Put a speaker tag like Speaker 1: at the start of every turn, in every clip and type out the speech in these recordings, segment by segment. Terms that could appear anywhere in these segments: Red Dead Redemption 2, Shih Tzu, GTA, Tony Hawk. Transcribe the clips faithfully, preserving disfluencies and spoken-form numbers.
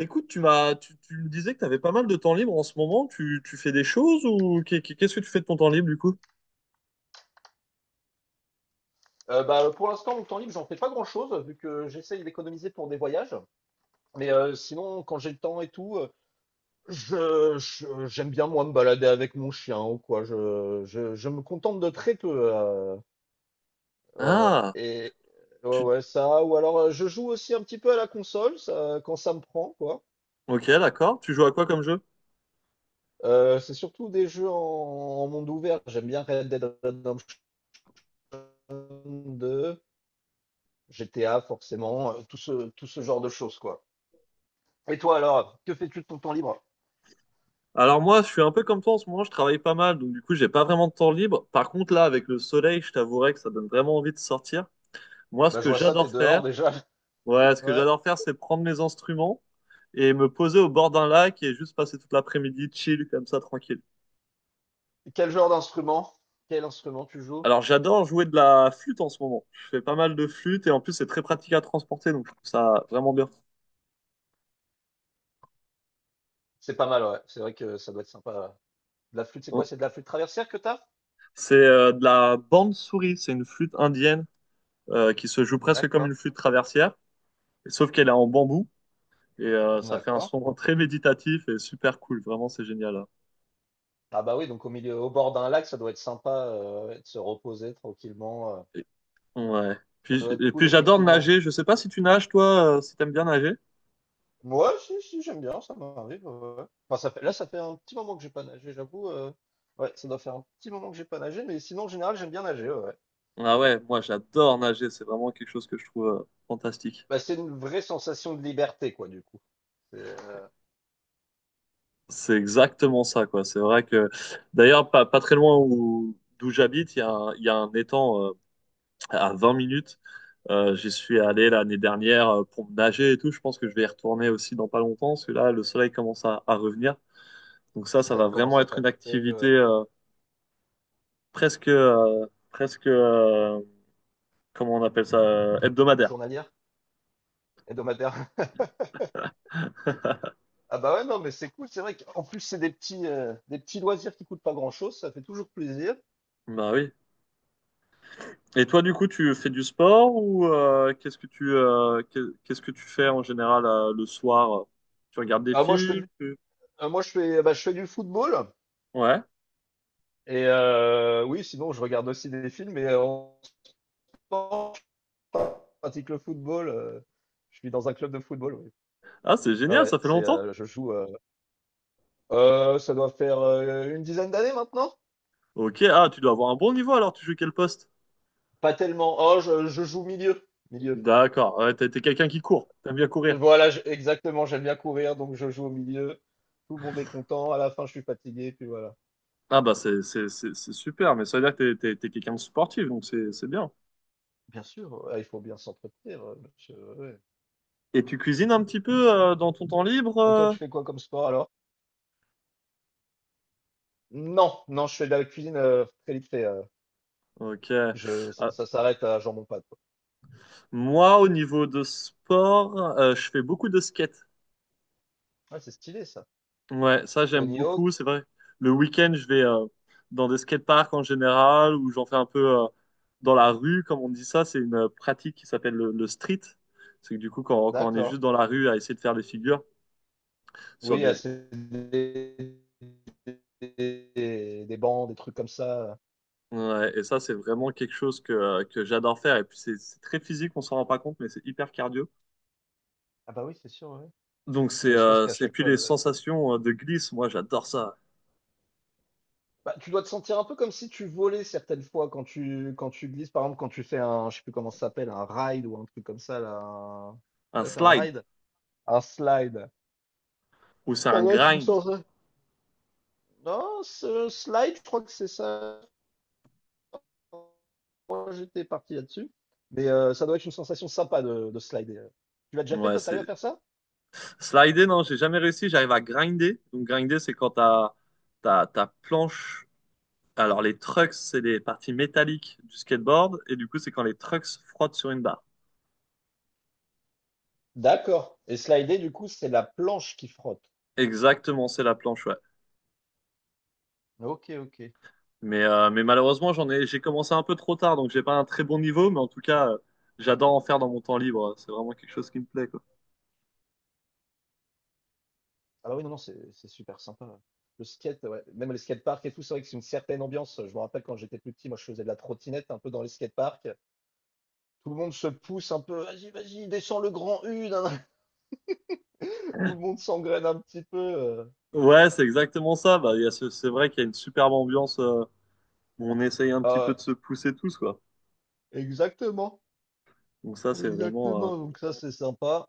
Speaker 1: Écoute, tu m'as, tu, tu me disais que tu avais pas mal de temps libre en ce moment. Tu, tu fais des choses ou qu'est- qu'est- qu'est-ce que tu fais de ton temps libre du coup?
Speaker 2: Euh, bah, pour l'instant, mon temps libre, j'en fais pas grand-chose, vu que j'essaye d'économiser pour des voyages. Mais euh, sinon, quand j'ai le temps et tout, euh, je, je- j'aime bien, moi, me balader avec mon chien ou quoi. Je, je, je me contente de très peu. euh, ouais, ouais.
Speaker 1: Ah,
Speaker 2: Et, ouais,
Speaker 1: tu...
Speaker 2: ouais, ça. Ou alors, euh, je joue aussi un petit peu à la console, ça, quand ça me prend, quoi.
Speaker 1: Ok, d'accord. Tu joues à quoi comme jeu?
Speaker 2: Euh, c'est surtout des jeux en, en monde ouvert. J'aime bien Red Dead Redemption deux, G T A, forcément, euh, tout ce, tout ce genre de choses, quoi. Et toi, alors, que fais-tu de ton temps libre?
Speaker 1: Alors moi, je suis un peu comme toi en ce moment. Je travaille pas mal, donc du coup, j'ai pas vraiment de temps libre. Par contre, là, avec le soleil, je t'avouerai que ça donne vraiment envie de sortir. Moi, ce
Speaker 2: Bah, je
Speaker 1: que
Speaker 2: vois ça, t'es
Speaker 1: j'adore
Speaker 2: dehors
Speaker 1: faire,
Speaker 2: déjà.
Speaker 1: ouais, ce que
Speaker 2: Ouais.
Speaker 1: j'adore faire, c'est prendre mes instruments et me poser au bord d'un lac et juste passer toute l'après-midi chill comme ça, tranquille.
Speaker 2: Quel genre d'instrument? Quel instrument tu joues?
Speaker 1: Alors, j'adore jouer de la flûte en ce moment. Je fais pas mal de flûte et en plus, c'est très pratique à transporter, donc je trouve ça vraiment bien.
Speaker 2: C'est pas mal, ouais. C'est vrai que ça doit être sympa. De la flûte, c'est
Speaker 1: Hein.
Speaker 2: quoi? C'est de la flûte traversière que t'as?
Speaker 1: C'est euh, de la bande souris, c'est une flûte indienne euh, qui se joue presque comme
Speaker 2: D'accord.
Speaker 1: une flûte traversière, sauf qu'elle est en bambou et euh, ça fait un
Speaker 2: D'accord.
Speaker 1: son très méditatif et super cool. Vraiment, c'est génial, hein.
Speaker 2: Ah bah oui, donc au milieu, au bord d'un lac, ça doit être sympa euh, ouais, de se reposer tranquillement. euh.
Speaker 1: Et- ouais.
Speaker 2: Ça
Speaker 1: Puis,
Speaker 2: doit
Speaker 1: j-
Speaker 2: être
Speaker 1: et
Speaker 2: cool,
Speaker 1: puis, j'adore
Speaker 2: effectivement.
Speaker 1: nager. Je sais pas si tu nages, toi, euh, si t'aimes bien nager.
Speaker 2: Moi, si, si, j'aime bien, ça m'arrive. Ouais. Ouais. Enfin, ça fait, là, ça fait un petit moment que j'ai pas nagé, j'avoue. euh. Ouais, ça doit faire un petit moment que j'ai pas nagé, mais sinon, en général, j'aime bien nager, ouais. Ouais.
Speaker 1: Ah ouais, moi, j'adore nager. C'est vraiment quelque chose que je trouve euh, fantastique.
Speaker 2: Bah, c'est une vraie sensation de liberté, quoi, du coup. C'est euh,
Speaker 1: C'est exactement ça, quoi. C'est vrai que, d'ailleurs, pas, pas très loin où, d'où j'habite, il y a un, il y a un étang euh, à vingt minutes. Euh, j'y suis allé l'année dernière euh, pour me nager et tout. Je pense que je vais y retourner aussi dans pas longtemps, parce que là, le soleil commence à, à revenir. Donc ça,
Speaker 2: Si
Speaker 1: ça
Speaker 2: ça
Speaker 1: va vraiment
Speaker 2: commence à
Speaker 1: être une
Speaker 2: taper
Speaker 1: activité
Speaker 2: ouais,
Speaker 1: euh, presque, euh, presque, euh, comment on appelle ça, euh, hebdomadaire.
Speaker 2: journalière, hebdomadaire. Ah bah ouais, non, mais c'est cool. C'est vrai qu'en plus, c'est des petits, euh, des petits loisirs qui coûtent pas grand-chose. Ça fait toujours plaisir.
Speaker 1: Bah oui. Et toi, du coup, tu fais du sport ou euh, qu'est-ce que tu, euh, qu'est- qu'est-ce que tu fais en général euh, le soir? Tu regardes des
Speaker 2: Ah, moi, je fais du,
Speaker 1: films?
Speaker 2: Ah, moi, je fais, bah, je fais du football.
Speaker 1: Ouais.
Speaker 2: Et euh, oui, sinon, je regarde aussi des films. Mais en ce moment, je pratique le football. euh, Je suis dans un club de football. Oui.
Speaker 1: Ah, c'est
Speaker 2: Ah
Speaker 1: génial,
Speaker 2: ouais,
Speaker 1: ça fait
Speaker 2: c'est,
Speaker 1: longtemps.
Speaker 2: euh, je joue. euh, euh, ça doit faire euh, une dizaine d'années maintenant.
Speaker 1: Ok, ah, tu dois avoir un bon niveau alors, tu joues quel poste?
Speaker 2: Pas tellement. Oh, je, je joue milieu. Milieu.
Speaker 1: D'accord, ouais, t'es t'es quelqu'un qui court, t'aimes bien courir.
Speaker 2: Voilà, je- exactement, j'aime bien courir, donc je joue au milieu. Tout le monde est content. À la fin, je suis fatigué, puis voilà.
Speaker 1: Ah bah c'est c'est- c'est- c'est super, mais ça veut dire que t'es t'es- t'es quelqu'un de sportif, donc c'est c'est bien.
Speaker 2: Bien sûr, ouais, il faut bien s'entretenir, euh, monsieur, ouais.
Speaker 1: Et tu cuisines un petit peu euh, dans ton temps libre?
Speaker 2: Et toi,
Speaker 1: euh
Speaker 2: tu fais quoi comme sport alors? Non, non, je fais de la cuisine euh, très vite fait. euh,
Speaker 1: Ok.
Speaker 2: je, Ça,
Speaker 1: Ah,
Speaker 2: ça s'arrête à jambon pâte, quoi.
Speaker 1: moi, au niveau de sport, euh, je fais beaucoup de skate.
Speaker 2: Ouais, c'est stylé ça.
Speaker 1: Ouais, ça j'aime
Speaker 2: Tony Hawk,
Speaker 1: beaucoup. C'est vrai. Le week-end, je vais euh, dans des skateparks en général ou j'en fais un peu euh, dans la rue, comme on dit ça. C'est une euh, pratique qui s'appelle le, le street. C'est que du coup, quand, quand on est
Speaker 2: d'accord.
Speaker 1: juste dans la rue à essayer de faire des figures sur
Speaker 2: Oui, ah,
Speaker 1: des.
Speaker 2: c'est des, des, des bancs, des trucs comme ça.
Speaker 1: Ouais, et ça, c'est vraiment quelque chose que, euh, que j'adore faire. Et puis, c'est c'est très physique, on s'en rend pas compte, mais c'est hyper cardio.
Speaker 2: Ah bah oui, c'est sûr, ouais.
Speaker 1: Donc,
Speaker 2: Et
Speaker 1: c'est
Speaker 2: ne serait-ce
Speaker 1: euh,
Speaker 2: qu'à
Speaker 1: c'est
Speaker 2: chaque
Speaker 1: puis
Speaker 2: fois
Speaker 1: les
Speaker 2: de,
Speaker 1: sensations euh, de glisse. Moi, j'adore ça.
Speaker 2: Bah, tu dois te sentir un peu comme si tu volais certaines fois quand tu quand tu glisses, par exemple, quand tu fais un, je sais plus comment ça s'appelle, un ride ou un truc comme ça, là, un-
Speaker 1: Un
Speaker 2: ça c'est un
Speaker 1: slide
Speaker 2: ride? Un slide.
Speaker 1: ou c'est
Speaker 2: Ça
Speaker 1: un
Speaker 2: doit être une
Speaker 1: grind.
Speaker 2: sorte de- Non, ce slide, je crois que c'est ça. Moi, j'étais parti là-dessus. Mais euh, ça doit être une sensation sympa de, de slider. Tu l'as déjà fait,
Speaker 1: Ouais,
Speaker 2: toi,
Speaker 1: c'est...
Speaker 2: t'arrives à faire ça?
Speaker 1: Slider, non, j'ai jamais réussi. J'arrive à grinder. Donc, grinder, c'est quand ta, ta, ta planche. Alors, les trucks, c'est les parties métalliques du skateboard. Et du coup, c'est quand les trucks frottent sur une barre.
Speaker 2: D'accord. Et slider, du coup, c'est la planche qui frotte.
Speaker 1: Exactement, c'est la planche, ouais.
Speaker 2: Ok, ok.
Speaker 1: Mais, euh, mais malheureusement, j'en ai, j'ai commencé un peu trop tard. Donc, j'ai pas un très bon niveau. Mais en tout cas, euh, j'adore en faire dans mon temps libre. C'est vraiment quelque chose qui me plaît, quoi.
Speaker 2: Ah bah oui, non, non, c'est c'est super sympa. Le skate, ouais. Même les skateparks et tout, c'est vrai que c'est une certaine ambiance. Je me rappelle quand j'étais plus petit, moi je faisais de la trottinette un peu dans les skateparks. Tout le monde se pousse un peu, vas-y, vas-y, descends le grand U, nan, nan. Tout le monde s'engraine un petit peu. euh.
Speaker 1: Ouais, c'est exactement ça. Bah, il y a ce- c'est vrai qu'il y a une superbe ambiance, euh, où on essaye un petit peu
Speaker 2: Ah,
Speaker 1: de se pousser tous, quoi.
Speaker 2: ouais. Exactement,
Speaker 1: Donc, ça, c'est vraiment. euh,
Speaker 2: exactement. Donc ça, c'est sympa.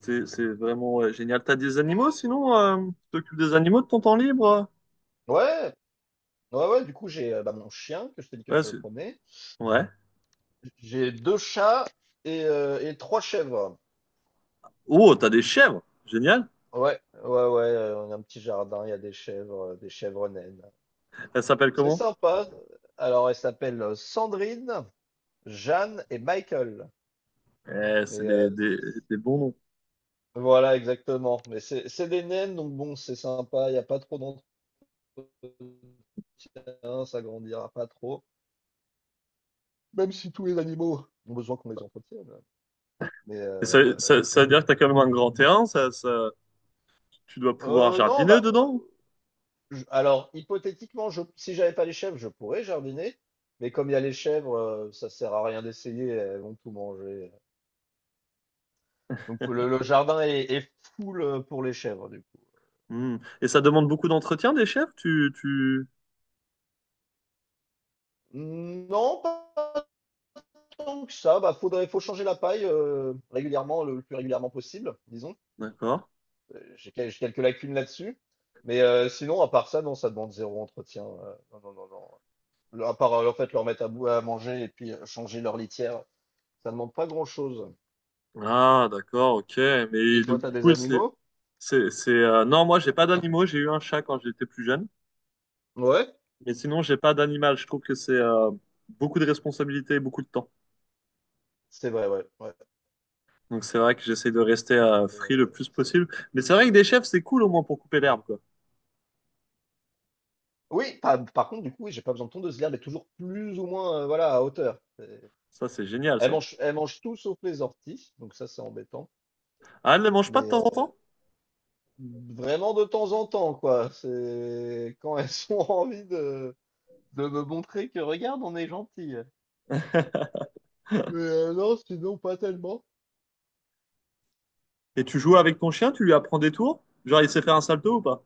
Speaker 1: C'est, c'est vraiment ouais, génial. T'as des animaux sinon? euh, tu t'occupes des animaux de ton temps libre, euh?
Speaker 2: Ouais, ouais, ouais. Du coup, j'ai euh, bah, mon chien que je t'ai dit que
Speaker 1: Ouais,
Speaker 2: je
Speaker 1: c'est...
Speaker 2: promenais.
Speaker 1: ouais.
Speaker 2: J'ai deux chats et, euh, et trois chèvres.
Speaker 1: Oh, t'as des chèvres! Génial!
Speaker 2: Ouais, ouais, ouais. euh, On a un petit jardin, il y a des chèvres, euh, des chèvres naines.
Speaker 1: Elles s'appellent
Speaker 2: C'est
Speaker 1: comment?
Speaker 2: sympa. Alors, elle s'appelle euh, Sandrine, Jeanne et Michael.
Speaker 1: Eh, c'est
Speaker 2: Mais
Speaker 1: des,
Speaker 2: euh,
Speaker 1: des,
Speaker 2: c'est- c'est-
Speaker 1: des bons noms.
Speaker 2: voilà, Exactement. Mais c'est c'est des naines, donc bon, c'est sympa. Il n'y a pas trop d'entretien, ça grandira pas trop. Même si tous les animaux ont besoin qu'on les entretienne. Mais
Speaker 1: Et ça,
Speaker 2: euh,
Speaker 1: ça, ça veut dire que t'as quand même un grand terrain, ça, ça- tu dois pouvoir
Speaker 2: euh, non,
Speaker 1: jardiner
Speaker 2: bah, euh,
Speaker 1: dedans.
Speaker 2: je- Alors hypothétiquement, je, si j'avais pas les chèvres, je pourrais jardiner. Mais comme il y a les chèvres, euh, ça sert à rien d'essayer. Elles vont tout manger. Donc le, le jardin est, est full euh, pour les chèvres. Du
Speaker 1: Hmm. Et ça demande beaucoup d'entretien des chèvres, tu, tu...
Speaker 2: Non, pas tant que ça. Bah, faudrait, faut changer la paille euh, régulièrement, le, le plus régulièrement possible, disons.
Speaker 1: D'accord.
Speaker 2: Euh, J'ai quel- j'ai quelques lacunes là-dessus. Mais euh, sinon, à part ça, non, ça demande zéro entretien. euh, Non, non, non, non. Le- À part, euh, en fait, leur mettre à bout à manger et puis euh, changer leur litière, ça demande pas grand-chose.
Speaker 1: Ah, d'accord, ok.
Speaker 2: Et
Speaker 1: Mais
Speaker 2: toi,
Speaker 1: donc,
Speaker 2: t'as
Speaker 1: du
Speaker 2: des
Speaker 1: coup, c'est,
Speaker 2: animaux?
Speaker 1: c'est, c'est, euh, non, moi, j'ai pas d'animaux, j'ai eu un chat quand j'étais plus jeune.
Speaker 2: Ouais.
Speaker 1: Mais sinon, j'ai pas d'animal. Je trouve que c'est euh, beaucoup de responsabilités et beaucoup de temps.
Speaker 2: C'est vrai, ouais. Ouais,
Speaker 1: Donc c'est vrai que j'essaie de rester euh,
Speaker 2: c'est
Speaker 1: free
Speaker 2: vrai.
Speaker 1: le
Speaker 2: euh,
Speaker 1: plus
Speaker 2: c'est
Speaker 1: possible. Mais c'est
Speaker 2: c'est
Speaker 1: vrai que des
Speaker 2: exactement
Speaker 1: chefs,
Speaker 2: ça.
Speaker 1: c'est cool au moins pour couper l'herbe, quoi.
Speaker 2: Oui, par, par contre, du coup, oui, j'ai pas besoin de tondeuse l'herbe mais toujours plus ou moins euh, voilà, à hauteur.
Speaker 1: Ça, c'est génial,
Speaker 2: Elle
Speaker 1: ça.
Speaker 2: mange, elle mange tout sauf les orties, donc ça c'est embêtant.
Speaker 1: Ah, elle ne mange pas de
Speaker 2: Mais
Speaker 1: temps en
Speaker 2: euh,
Speaker 1: temps?
Speaker 2: vraiment de temps en temps, quoi. C'est quand elles ont envie de, de me montrer que regarde, on est gentil. Mais euh, non, sinon pas tellement.
Speaker 1: Et tu joues avec ton chien, tu lui apprends des tours? Genre, il sait faire un salto ou pas?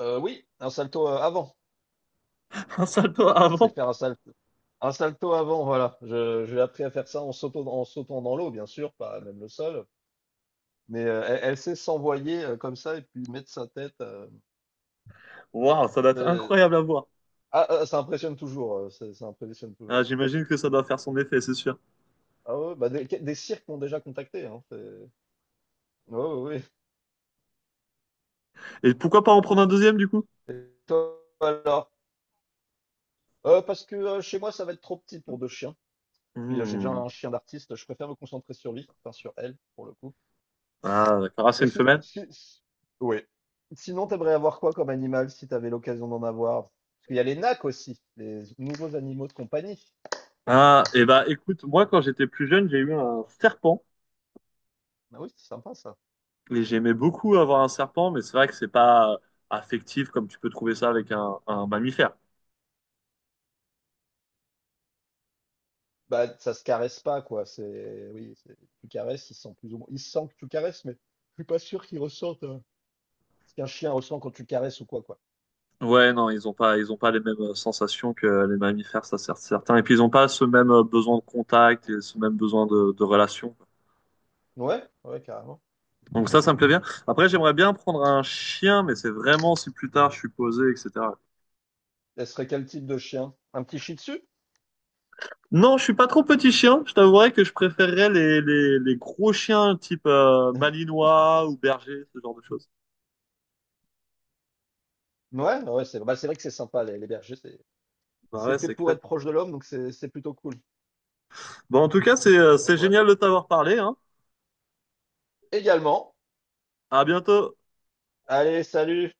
Speaker 2: Euh, oui, un salto euh, avant.
Speaker 1: Un salto
Speaker 2: C'est
Speaker 1: avant?
Speaker 2: faire un salto. Un salto avant, voilà. Je, j'ai appris à faire ça en sautant, en sautant dans l'eau, bien sûr, pas même le sol. Mais euh, elle, elle sait s'envoyer euh, comme ça et puis mettre sa tête. euh,
Speaker 1: Waouh, ça doit être
Speaker 2: c'est-
Speaker 1: incroyable à voir.
Speaker 2: ah, ah, ça impressionne toujours. Euh, c'est- ça impressionne
Speaker 1: Ah,
Speaker 2: toujours.
Speaker 1: j'imagine que ça doit faire son effet, c'est sûr.
Speaker 2: Ah ouais, bah des, des cirques m'ont déjà contacté, hein, c'est- Ouais, ouais, ouais.
Speaker 1: Et pourquoi pas en prendre un deuxième, du coup?
Speaker 2: Toi, alors, Euh, parce que euh, chez moi, ça va être trop petit pour deux chiens. Puis euh, j'ai déjà
Speaker 1: Hmm.
Speaker 2: un chien d'artiste, je préfère me concentrer sur lui, enfin sur elle, pour le coup.
Speaker 1: Ah, d'accord. Ah, c'est
Speaker 2: Et
Speaker 1: une
Speaker 2: si,
Speaker 1: femelle?
Speaker 2: si, si- ouais. Sinon, t'aimerais avoir quoi comme animal si t'avais l'occasion d'en avoir? Parce qu'il y a les nacs aussi, les nouveaux animaux de compagnie.
Speaker 1: Ah, et bah écoute, moi, quand j'étais plus jeune, j'ai eu un serpent.
Speaker 2: Ah oui, c'est sympa ça.
Speaker 1: Et j'aimais beaucoup avoir un serpent, mais c'est vrai que c'est pas affectif comme tu peux trouver ça avec un, un mammifère.
Speaker 2: Bah, ça se caresse pas, quoi. C'est, oui, c'est- tu caresses, ils sentent plus ou moins. Ils sentent que tu caresses, mais je suis pas sûr qu'ils ressentent euh, ce qu'un chien ressent quand tu caresses ou quoi, quoi.
Speaker 1: Ouais, non, ils ont pas, ils ont pas les mêmes euh, sensations que les mammifères, ça c'est certain. Et puis ils ont pas ce même euh, besoin de contact et ce même besoin de, de relation.
Speaker 2: Ouais, ouais, carrément.
Speaker 1: Donc ça, ça me plaît bien. Après, j'aimerais bien prendre un chien, mais c'est vraiment si plus tard je suis posé, et cetera.
Speaker 2: Elle serait quel type de chien? Un petit Shih Tzu?
Speaker 1: Non, je suis pas trop petit chien. Je t'avouerais que je préférerais les, les, les gros chiens type euh, malinois ou berger, ce genre de choses.
Speaker 2: Ouais, ouais, c'est bah, c'est vrai que c'est sympa, les, les bergers, c'est
Speaker 1: Bah
Speaker 2: c'est
Speaker 1: ouais,
Speaker 2: fait
Speaker 1: c'est
Speaker 2: pour
Speaker 1: clair.
Speaker 2: être proche de l'homme, donc c'est c'est plutôt cool.
Speaker 1: Bon, en tout cas, c'est euh,
Speaker 2: Donc,
Speaker 1: c'est
Speaker 2: voilà.
Speaker 1: génial de t'avoir parlé, hein.
Speaker 2: Également.
Speaker 1: À bientôt.
Speaker 2: Allez, salut!